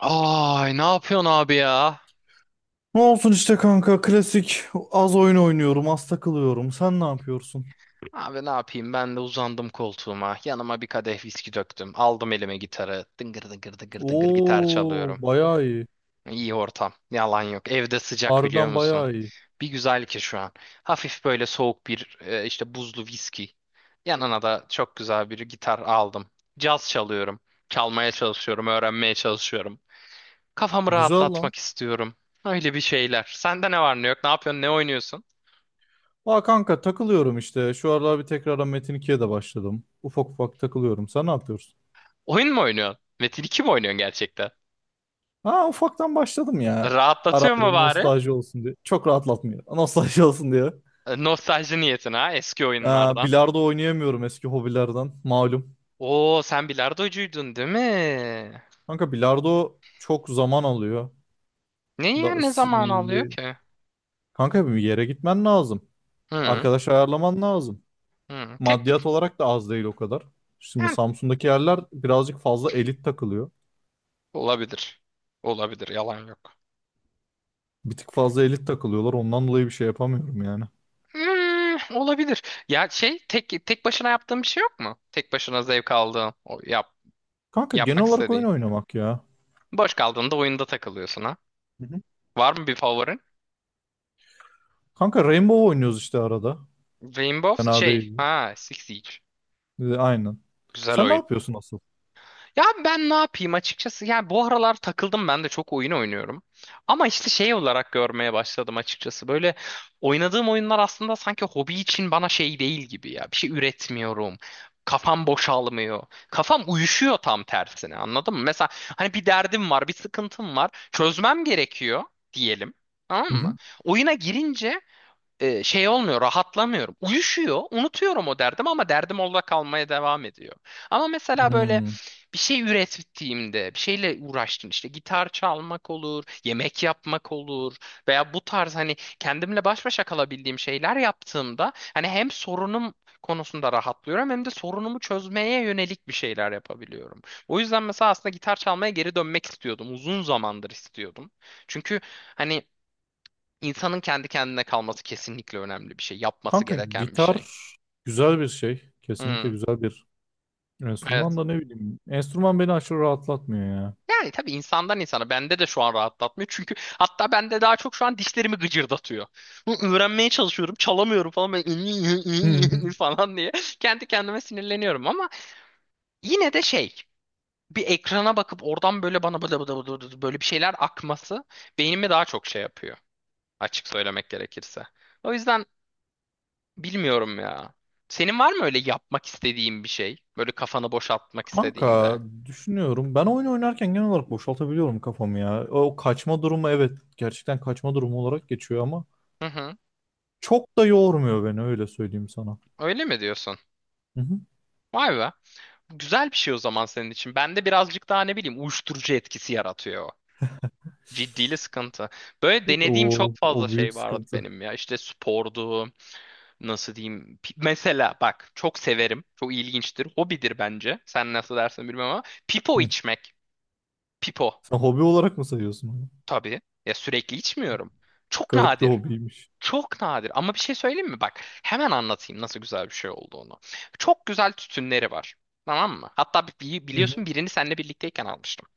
Ay ne yapıyorsun abi ya? Ne olsun işte kanka, klasik. Az oyun oynuyorum, az takılıyorum, sen ne yapıyorsun? Abi ne yapayım ben de uzandım koltuğuma. Yanıma bir kadeh viski döktüm. Aldım elime gitarı. Dıngır dıngır dıngır dıngır gitar çalıyorum. Oo, bayağı iyi. İyi ortam. Yalan yok. Evde sıcak biliyor Harbiden musun? bayağı iyi. Bir güzel ki şu an. Hafif böyle soğuk bir işte buzlu viski. Yanına da çok güzel bir gitar aldım. Caz çalıyorum. Çalmaya çalışıyorum. Öğrenmeye çalışıyorum. Kafamı Güzel lan. rahatlatmak istiyorum. Öyle bir şeyler. Sende ne var ne yok? Ne yapıyorsun? Ne oynuyorsun? Aa kanka, takılıyorum işte şu aralar, bir tekrardan Metin 2'ye de başladım, ufak ufak takılıyorum, sen ne yapıyorsun? Oyun mu oynuyorsun? Metin 2 mi oynuyorsun gerçekten? Ha, ufaktan başladım ya, ara Rahatlatıyor ara, mu bari? nostalji olsun diye. Çok rahatlatmıyor, nostalji olsun diye. E, nostalji niyetine ha, eski oyunlardan. Bilardo oynayamıyorum, eski hobilerden malum. Oo, sen bilardocuydun değil mi? Kanka bilardo çok zaman alıyor. Ne ya, Da, ne s- zaman alıyor y- ki? Kanka, bir yere gitmen lazım. Hı, Arkadaş ayarlaman lazım. hı. Maddiyat Tek olarak da az değil o kadar. Şimdi yani, Samsun'daki yerler birazcık fazla elit takılıyor. olabilir. Olabilir, yalan yok. Bir tık fazla elit takılıyorlar. Ondan dolayı bir şey yapamıyorum yani. Hmm, olabilir. Ya şey, tek başına yaptığın bir şey yok mu? Tek başına zevk aldığın, o yap Kanka genel yapmak olarak oyun istediğin. oynamak ya. Boş kaldığında oyunda takılıyorsun ha. Hı hı. Var mı bir favorin? Kanka Rainbow oynuyoruz işte arada. Rainbow Fena şey değildir. ha, Six Siege. Aynen. Güzel Sen ne oyun. yapıyorsun asıl? Ya ben ne yapayım açıkçası, yani bu aralar takıldım ben de, çok oyun oynuyorum. Ama işte şey olarak görmeye başladım açıkçası. Böyle oynadığım oyunlar aslında sanki hobi için bana şey değil gibi ya. Bir şey üretmiyorum. Kafam boşalmıyor. Kafam uyuşuyor, tam tersine, anladın mı? Mesela hani bir derdim var, bir sıkıntım var. Çözmem gerekiyor diyelim. Tamam Hı hı. mı? Oyuna girince şey olmuyor, rahatlamıyorum. Uyuşuyor, unutuyorum o derdim ama derdim orada kalmaya devam ediyor. Ama mesela böyle Hmm. bir şey ürettiğimde, bir şeyle uğraştım, işte gitar çalmak olur, yemek yapmak olur veya bu tarz, hani kendimle baş başa kalabildiğim şeyler yaptığımda, hani hem sorunum konusunda rahatlıyorum hem de sorunumu çözmeye yönelik bir şeyler yapabiliyorum. O yüzden mesela aslında gitar çalmaya geri dönmek istiyordum. Uzun zamandır istiyordum. Çünkü hani İnsanın kendi kendine kalması kesinlikle önemli bir şey. Yapması Kanka gereken bir şey. gitar güzel bir şey. Kesinlikle Hmm, güzel bir enstrüman evet. da, ne bileyim. Enstrüman beni aşırı rahatlatmıyor ya. Yani tabii, insandan insana. Bende de şu an rahatlatmıyor. Çünkü hatta bende daha çok şu an dişlerimi gıcırdatıyor. Bunu öğrenmeye çalışıyorum. Çalamıyorum falan. Böyle falan diye. Kendi kendime sinirleniyorum ama yine de şey. Bir ekrana bakıp oradan böyle bana böyle bir şeyler akması beynimi daha çok şey yapıyor. Açık söylemek gerekirse. O yüzden bilmiyorum ya. Senin var mı öyle yapmak istediğin bir şey? Böyle kafanı boşaltmak Kanka istediğinde. düşünüyorum. Ben oyun oynarken genel olarak boşaltabiliyorum kafamı ya. O kaçma durumu, evet, gerçekten kaçma durumu olarak geçiyor ama Hı hı. çok da yormuyor beni, öyle söyleyeyim sana. Öyle mi diyorsun? Hı hı. Vay be. Güzel bir şey o zaman senin için. Bende birazcık daha ne bileyim, uyuşturucu etkisi yaratıyor o. Ciddiyle sıkıntı. Böyle denediğim O, çok fazla o büyük şey vardı sıkıntı. benim ya. İşte spordu, nasıl diyeyim. Mesela bak, çok severim. Çok ilginçtir. Hobidir bence. Sen nasıl dersin bilmem ama. Pipo Hı. içmek. Pipo. Sen hobi olarak mı sayıyorsun onu? Tabii. Ya sürekli içmiyorum. Çok Garip bir nadir. hobiymiş. Çok nadir ama bir şey söyleyeyim mi? Bak, hemen anlatayım nasıl güzel bir şey olduğunu. Çok güzel tütünleri var. Tamam mı? Hatta Hı biliyorsun, hı. birini seninle birlikteyken almıştım.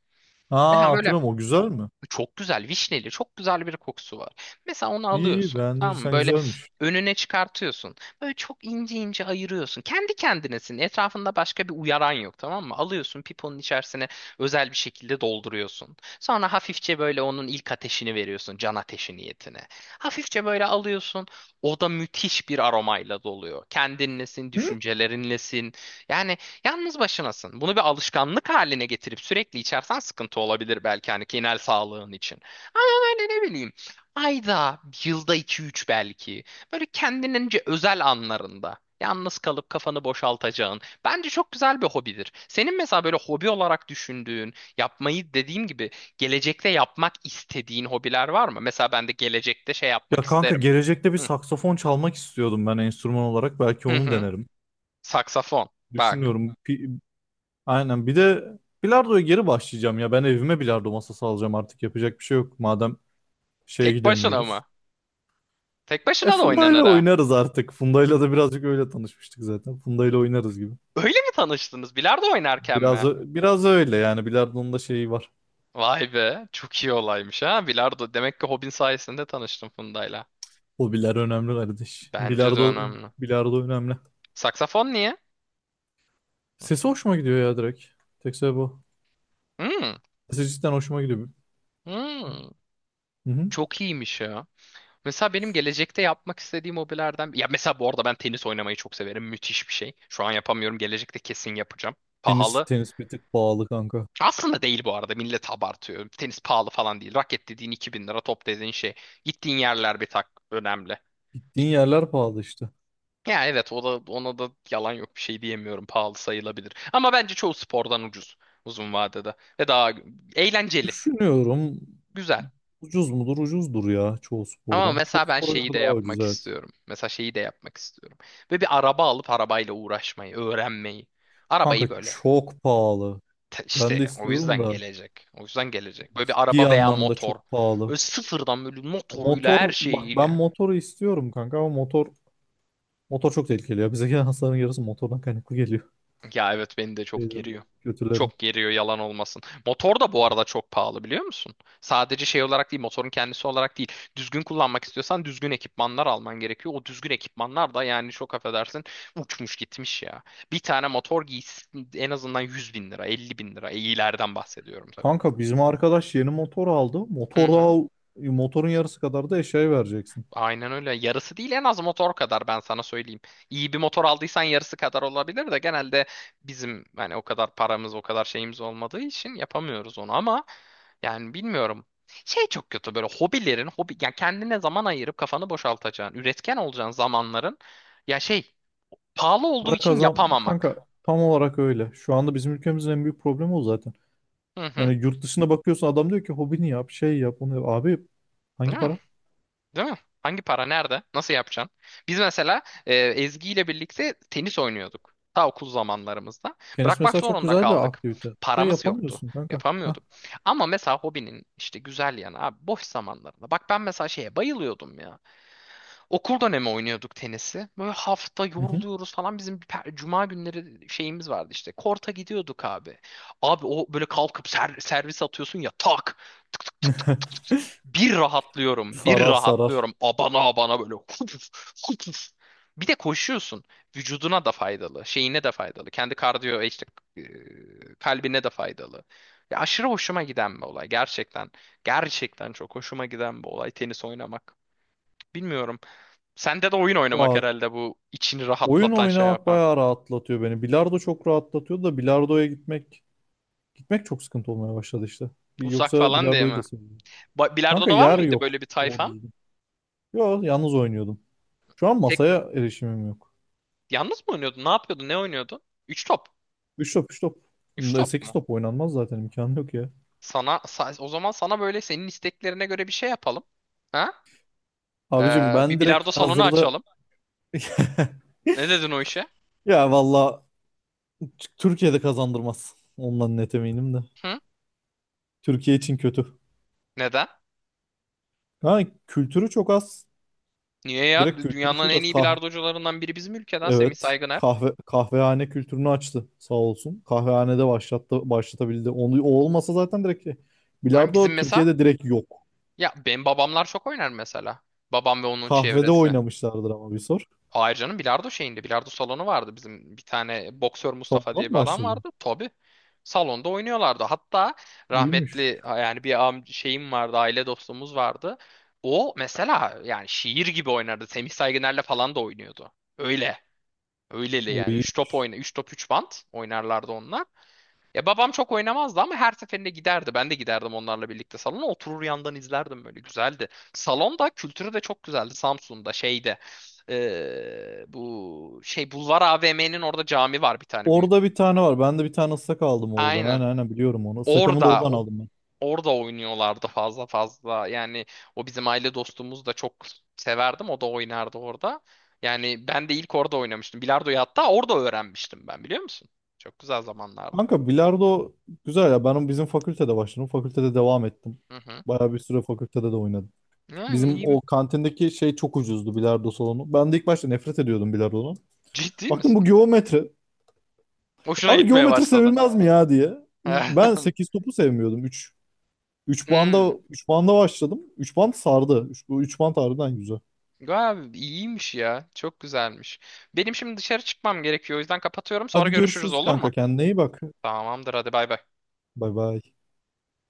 Ha, Mesela böyle hatırlıyorum, o güzel mi? çok güzel vişneli, çok güzel bir kokusu var. Mesela onu İyi iyi, alıyorsun, tamam mı? beğendiysen Böyle güzelmiş. önüne çıkartıyorsun. Böyle çok ince ince ayırıyorsun. Kendi kendinesin. Etrafında başka bir uyaran yok, tamam mı? Alıyorsun piponun içerisine, özel bir şekilde dolduruyorsun. Sonra hafifçe böyle onun ilk ateşini veriyorsun, can ateşi niyetine. Hafifçe böyle alıyorsun. O da müthiş bir aromayla doluyor. Kendinlesin, Hı? düşüncelerinlesin. Yani yalnız başınasın. Bunu bir alışkanlık haline getirip sürekli içersen sıkıntı olabilir belki, hani genel sağlığın için. Ama böyle ne bileyim, ayda, yılda iki üç belki. Böyle kendinince özel anlarında. Yalnız kalıp kafanı boşaltacağın. Bence çok güzel bir hobidir. Senin mesela böyle hobi olarak düşündüğün, yapmayı, dediğim gibi, gelecekte yapmak istediğin hobiler var mı? Mesela ben de gelecekte şey yapmak Ya kanka, isterim. gelecekte bir Hı saksafon çalmak istiyordum ben, enstrüman olarak. Belki hı. onu Hı. denerim. Saksafon. Bak. Düşünüyorum. Aynen. Bir de bilardoya geri başlayacağım ya. Ben evime bilardo masası alacağım artık. Yapacak bir şey yok. Madem şeye Tek başına gidemiyoruz. mı? Tek E, başına da Funda'yla oynanır. oynarız artık. Funda'yla da birazcık öyle tanışmıştık zaten. Funda'yla oynarız gibi. Öyle mi tanıştınız? Bilardo oynarken Biraz mi? ö- biraz öyle yani. Bilardo'nun da şeyi var. Vay be, çok iyi olaymış ha. Bilardo. Demek ki hobin sayesinde tanıştım Funda'yla. Hobiler önemli kardeş. Bence de Bilardo önemli. bilardo önemli. Saksafon niye? Sesi hoşuma gidiyor ya, direkt. Tek sebebi o. Hmm, Sesi cidden hoşuma gidiyor. hmm. Hı hı. Çok iyiymiş ya. Mesela benim gelecekte yapmak istediğim hobilerden... Ya mesela bu arada, ben tenis oynamayı çok severim. Müthiş bir şey. Şu an yapamıyorum. Gelecekte kesin yapacağım. Tenis Pahalı. tenis bir tık pahalı kanka. Aslında değil, bu arada. Millet abartıyor. Tenis pahalı falan değil. Raket dediğin 2000 lira, top dediğin şey. Gittiğin yerler bir tak önemli. Gittiğin yerler pahalı işte. Ya evet o da, ona da yalan yok, bir şey diyemiyorum, pahalı sayılabilir. Ama bence çoğu spordan ucuz, uzun vadede, ve daha eğlenceli, Düşünüyorum, güzel. ucuz mudur? Ucuzdur ya, çoğu Ama spordan. Çoğu mesela ben spora şeyi göre de daha ucuz, yapmak evet. istiyorum. Mesela şeyi de yapmak istiyorum. Ve bir araba alıp arabayla uğraşmayı, öğrenmeyi. Arabayı Kanka böyle çok pahalı. Ben de işte, o istiyorum yüzden da, gelecek. O yüzden gelecek. Böyle bir ciddi araba veya anlamda motor. çok pahalı. Böyle sıfırdan, böyle motoruyla, her Motor bak, ben şeyiyle. motoru istiyorum kanka ama motor çok tehlikeli ya. Bize gelen hastaların yarısı motordan kaynaklı geliyor. Ya evet, beni de çok Şeylerin, geriyor. kötülerin. Çok geriyor, yalan olmasın. Motor da bu arada çok pahalı, biliyor musun? Sadece şey olarak değil, motorun kendisi olarak değil. Düzgün kullanmak istiyorsan düzgün ekipmanlar alman gerekiyor. O düzgün ekipmanlar da yani, çok affedersin, uçmuş gitmiş ya. Bir tane motor giysi en azından 100 bin lira, 50 bin lira. E, iyilerden bahsediyorum tabii bunu. Kanka bizim arkadaş yeni motor aldı. Hı Motor hı. daha, motorun yarısı kadar da eşyaya vereceksin. Aynen öyle. Yarısı değil, en az motor kadar, ben sana söyleyeyim. İyi bir motor aldıysan yarısı kadar olabilir de genelde bizim hani o kadar paramız, o kadar şeyimiz olmadığı için yapamıyoruz onu, ama yani bilmiyorum. Şey çok kötü, böyle hobilerin, hobi yani, kendine zaman ayırıp kafanı boşaltacağın, üretken olacağın zamanların ya şey, pahalı olduğu Para için kazan kanka, yapamamak. tam olarak öyle. Şu anda bizim ülkemizin en büyük problemi o zaten. Hı hı. Yani yurt dışına bakıyorsun, adam diyor ki hobini yap, şey yap, onu yap. Abi hangi para? Değil mi? Hangi para nerede? Nasıl yapacaksın? Biz mesela Ezgi ile birlikte tenis oynuyorduk. Ta okul zamanlarımızda. Tenis Bırakmak mesela çok zorunda güzel bir kaldık. aktivite. De Paramız yoktu. yapamıyorsun kanka. Hah. Yapamıyorduk. Ama mesela hobinin işte güzel yanı abi, boş zamanlarında. Bak ben mesela şeye bayılıyordum ya. Okul dönemi oynuyorduk tenisi. Böyle hafta Hı hı. yoruluyoruz falan. Bizim bir cuma günleri şeyimiz vardı işte. Korta gidiyorduk abi. Abi o böyle kalkıp servis atıyorsun ya, tak. Tık tık tık tık tık tık. Bir rahatlıyorum. Bir Sarar sarar. rahatlıyorum. Abana abana böyle. Hupuf, hupuf. Bir de koşuyorsun. Vücuduna da faydalı. Şeyine de faydalı. Kendi kardiyo işte, e, kalbine de faydalı. Ya aşırı hoşuma giden bir olay. Gerçekten. Gerçekten çok hoşuma giden bir olay, tenis oynamak. Bilmiyorum. Sende de oyun oynamak Aa, herhalde bu, içini oyun rahatlatan, şey oynamak yapan. bayağı rahatlatıyor beni. Bilardo çok rahatlatıyor da bilardoya gitmek çok sıkıntı olmaya başladı işte. Uzak Yoksa falan diye bilardoyu mi? da seviyorum. Kanka Bilardo'da var yer mıydı yok böyle bir doğru tayfan? düzgün. Yo, yalnız oynuyordum. Şu an Tek masaya mi? erişimim yok. Yalnız mı oynuyordun? Ne yapıyordun? Ne oynuyordun? Üç top. 3 top, 3 top. Üç top 8 mu? top oynanmaz zaten, imkanı yok ya. Sana o zaman sana, böyle senin isteklerine göre bir şey yapalım. Ha? Abicim Bir ben direkt bilardo salonu hazırda. açalım. Ne dedin o işe? Ya valla, Türkiye'de kazandırmaz. Ondan net eminim de. Hı? Türkiye için kötü. Neden? Ha, kültürü çok az. Niye ya? Direkt kültürü Dünyanın çok en az. iyi bilardocularından biri bizim ülkeden, Semih Evet. Saygıner. Kahvehane kültürünü açtı, sağ olsun. Kahvehanede başlattı, başlatabildi. Onu, o olmasa zaten direkt şey, Ha, bizim bilardo mesela, Türkiye'de direkt yok. ya benim babamlar çok oynar mesela. Babam ve onun Kahvede çevresi. oynamışlardır ama bir sor. Hayır canım, bilardo şeyinde, bilardo salonu vardı bizim, bir tane boksör Mustafa Salondan diye mı bir adam başladı? vardı tabii, salonda oynuyorlardı hatta İyiymiş. rahmetli. Yani bir şeyim vardı, aile dostumuz vardı. O mesela yani şiir gibi oynardı, Semih Saygıner'le falan da oynuyordu. öyle Öyleli O yani, iyiymiş. 3 top, 3 bant oynarlardı onlar. Ya babam çok oynamazdı ama her seferinde giderdi. Ben de giderdim onlarla birlikte salona. Oturur yandan izlerdim böyle. Güzeldi. Salon da, kültürü de çok güzeldi. Samsun'da şeyde, bu şey Bulvar AVM'nin orada cami var bir tane Orada büyük. bir tane var. Ben de bir tane ıslak aldım oradan. Aynen Aynen. aynen, biliyorum onu. Islakamı da Orada oradan aldım. orada oynuyorlardı fazla fazla. Yani o, bizim aile dostumuz, da çok severdim. O da oynardı orada. Yani ben de ilk orada oynamıştım. Bilardoyu hatta orada öğrenmiştim ben, biliyor musun? Çok güzel zamanlardı. Kanka bilardo güzel ya. Ben bizim fakültede başladım. Fakültede devam ettim. Hı hı. Bayağı bir süre fakültede de oynadım. Ya, Bizim iyiyim. o kantindeki şey çok ucuzdu, bilardo salonu. Ben de ilk başta nefret ediyordum bilardodan. Ciddi Baktım, bu misin? geometri. Hoşuna Abi gitmeye geometri başladı. sevilmez mi ya diye. Ben 8 topu sevmiyordum. üç üç Hmm. banda üç banda başladım. Üç band sardı. Üç, bu band harbiden güzel. Abi iyiymiş ya. Çok güzelmiş. Benim şimdi dışarı çıkmam gerekiyor. O yüzden kapatıyorum. Sonra Hadi görüşürüz, görüşürüz olur mu? kanka. Kendine iyi bak. Tamamdır, hadi bay bay. Bay bay.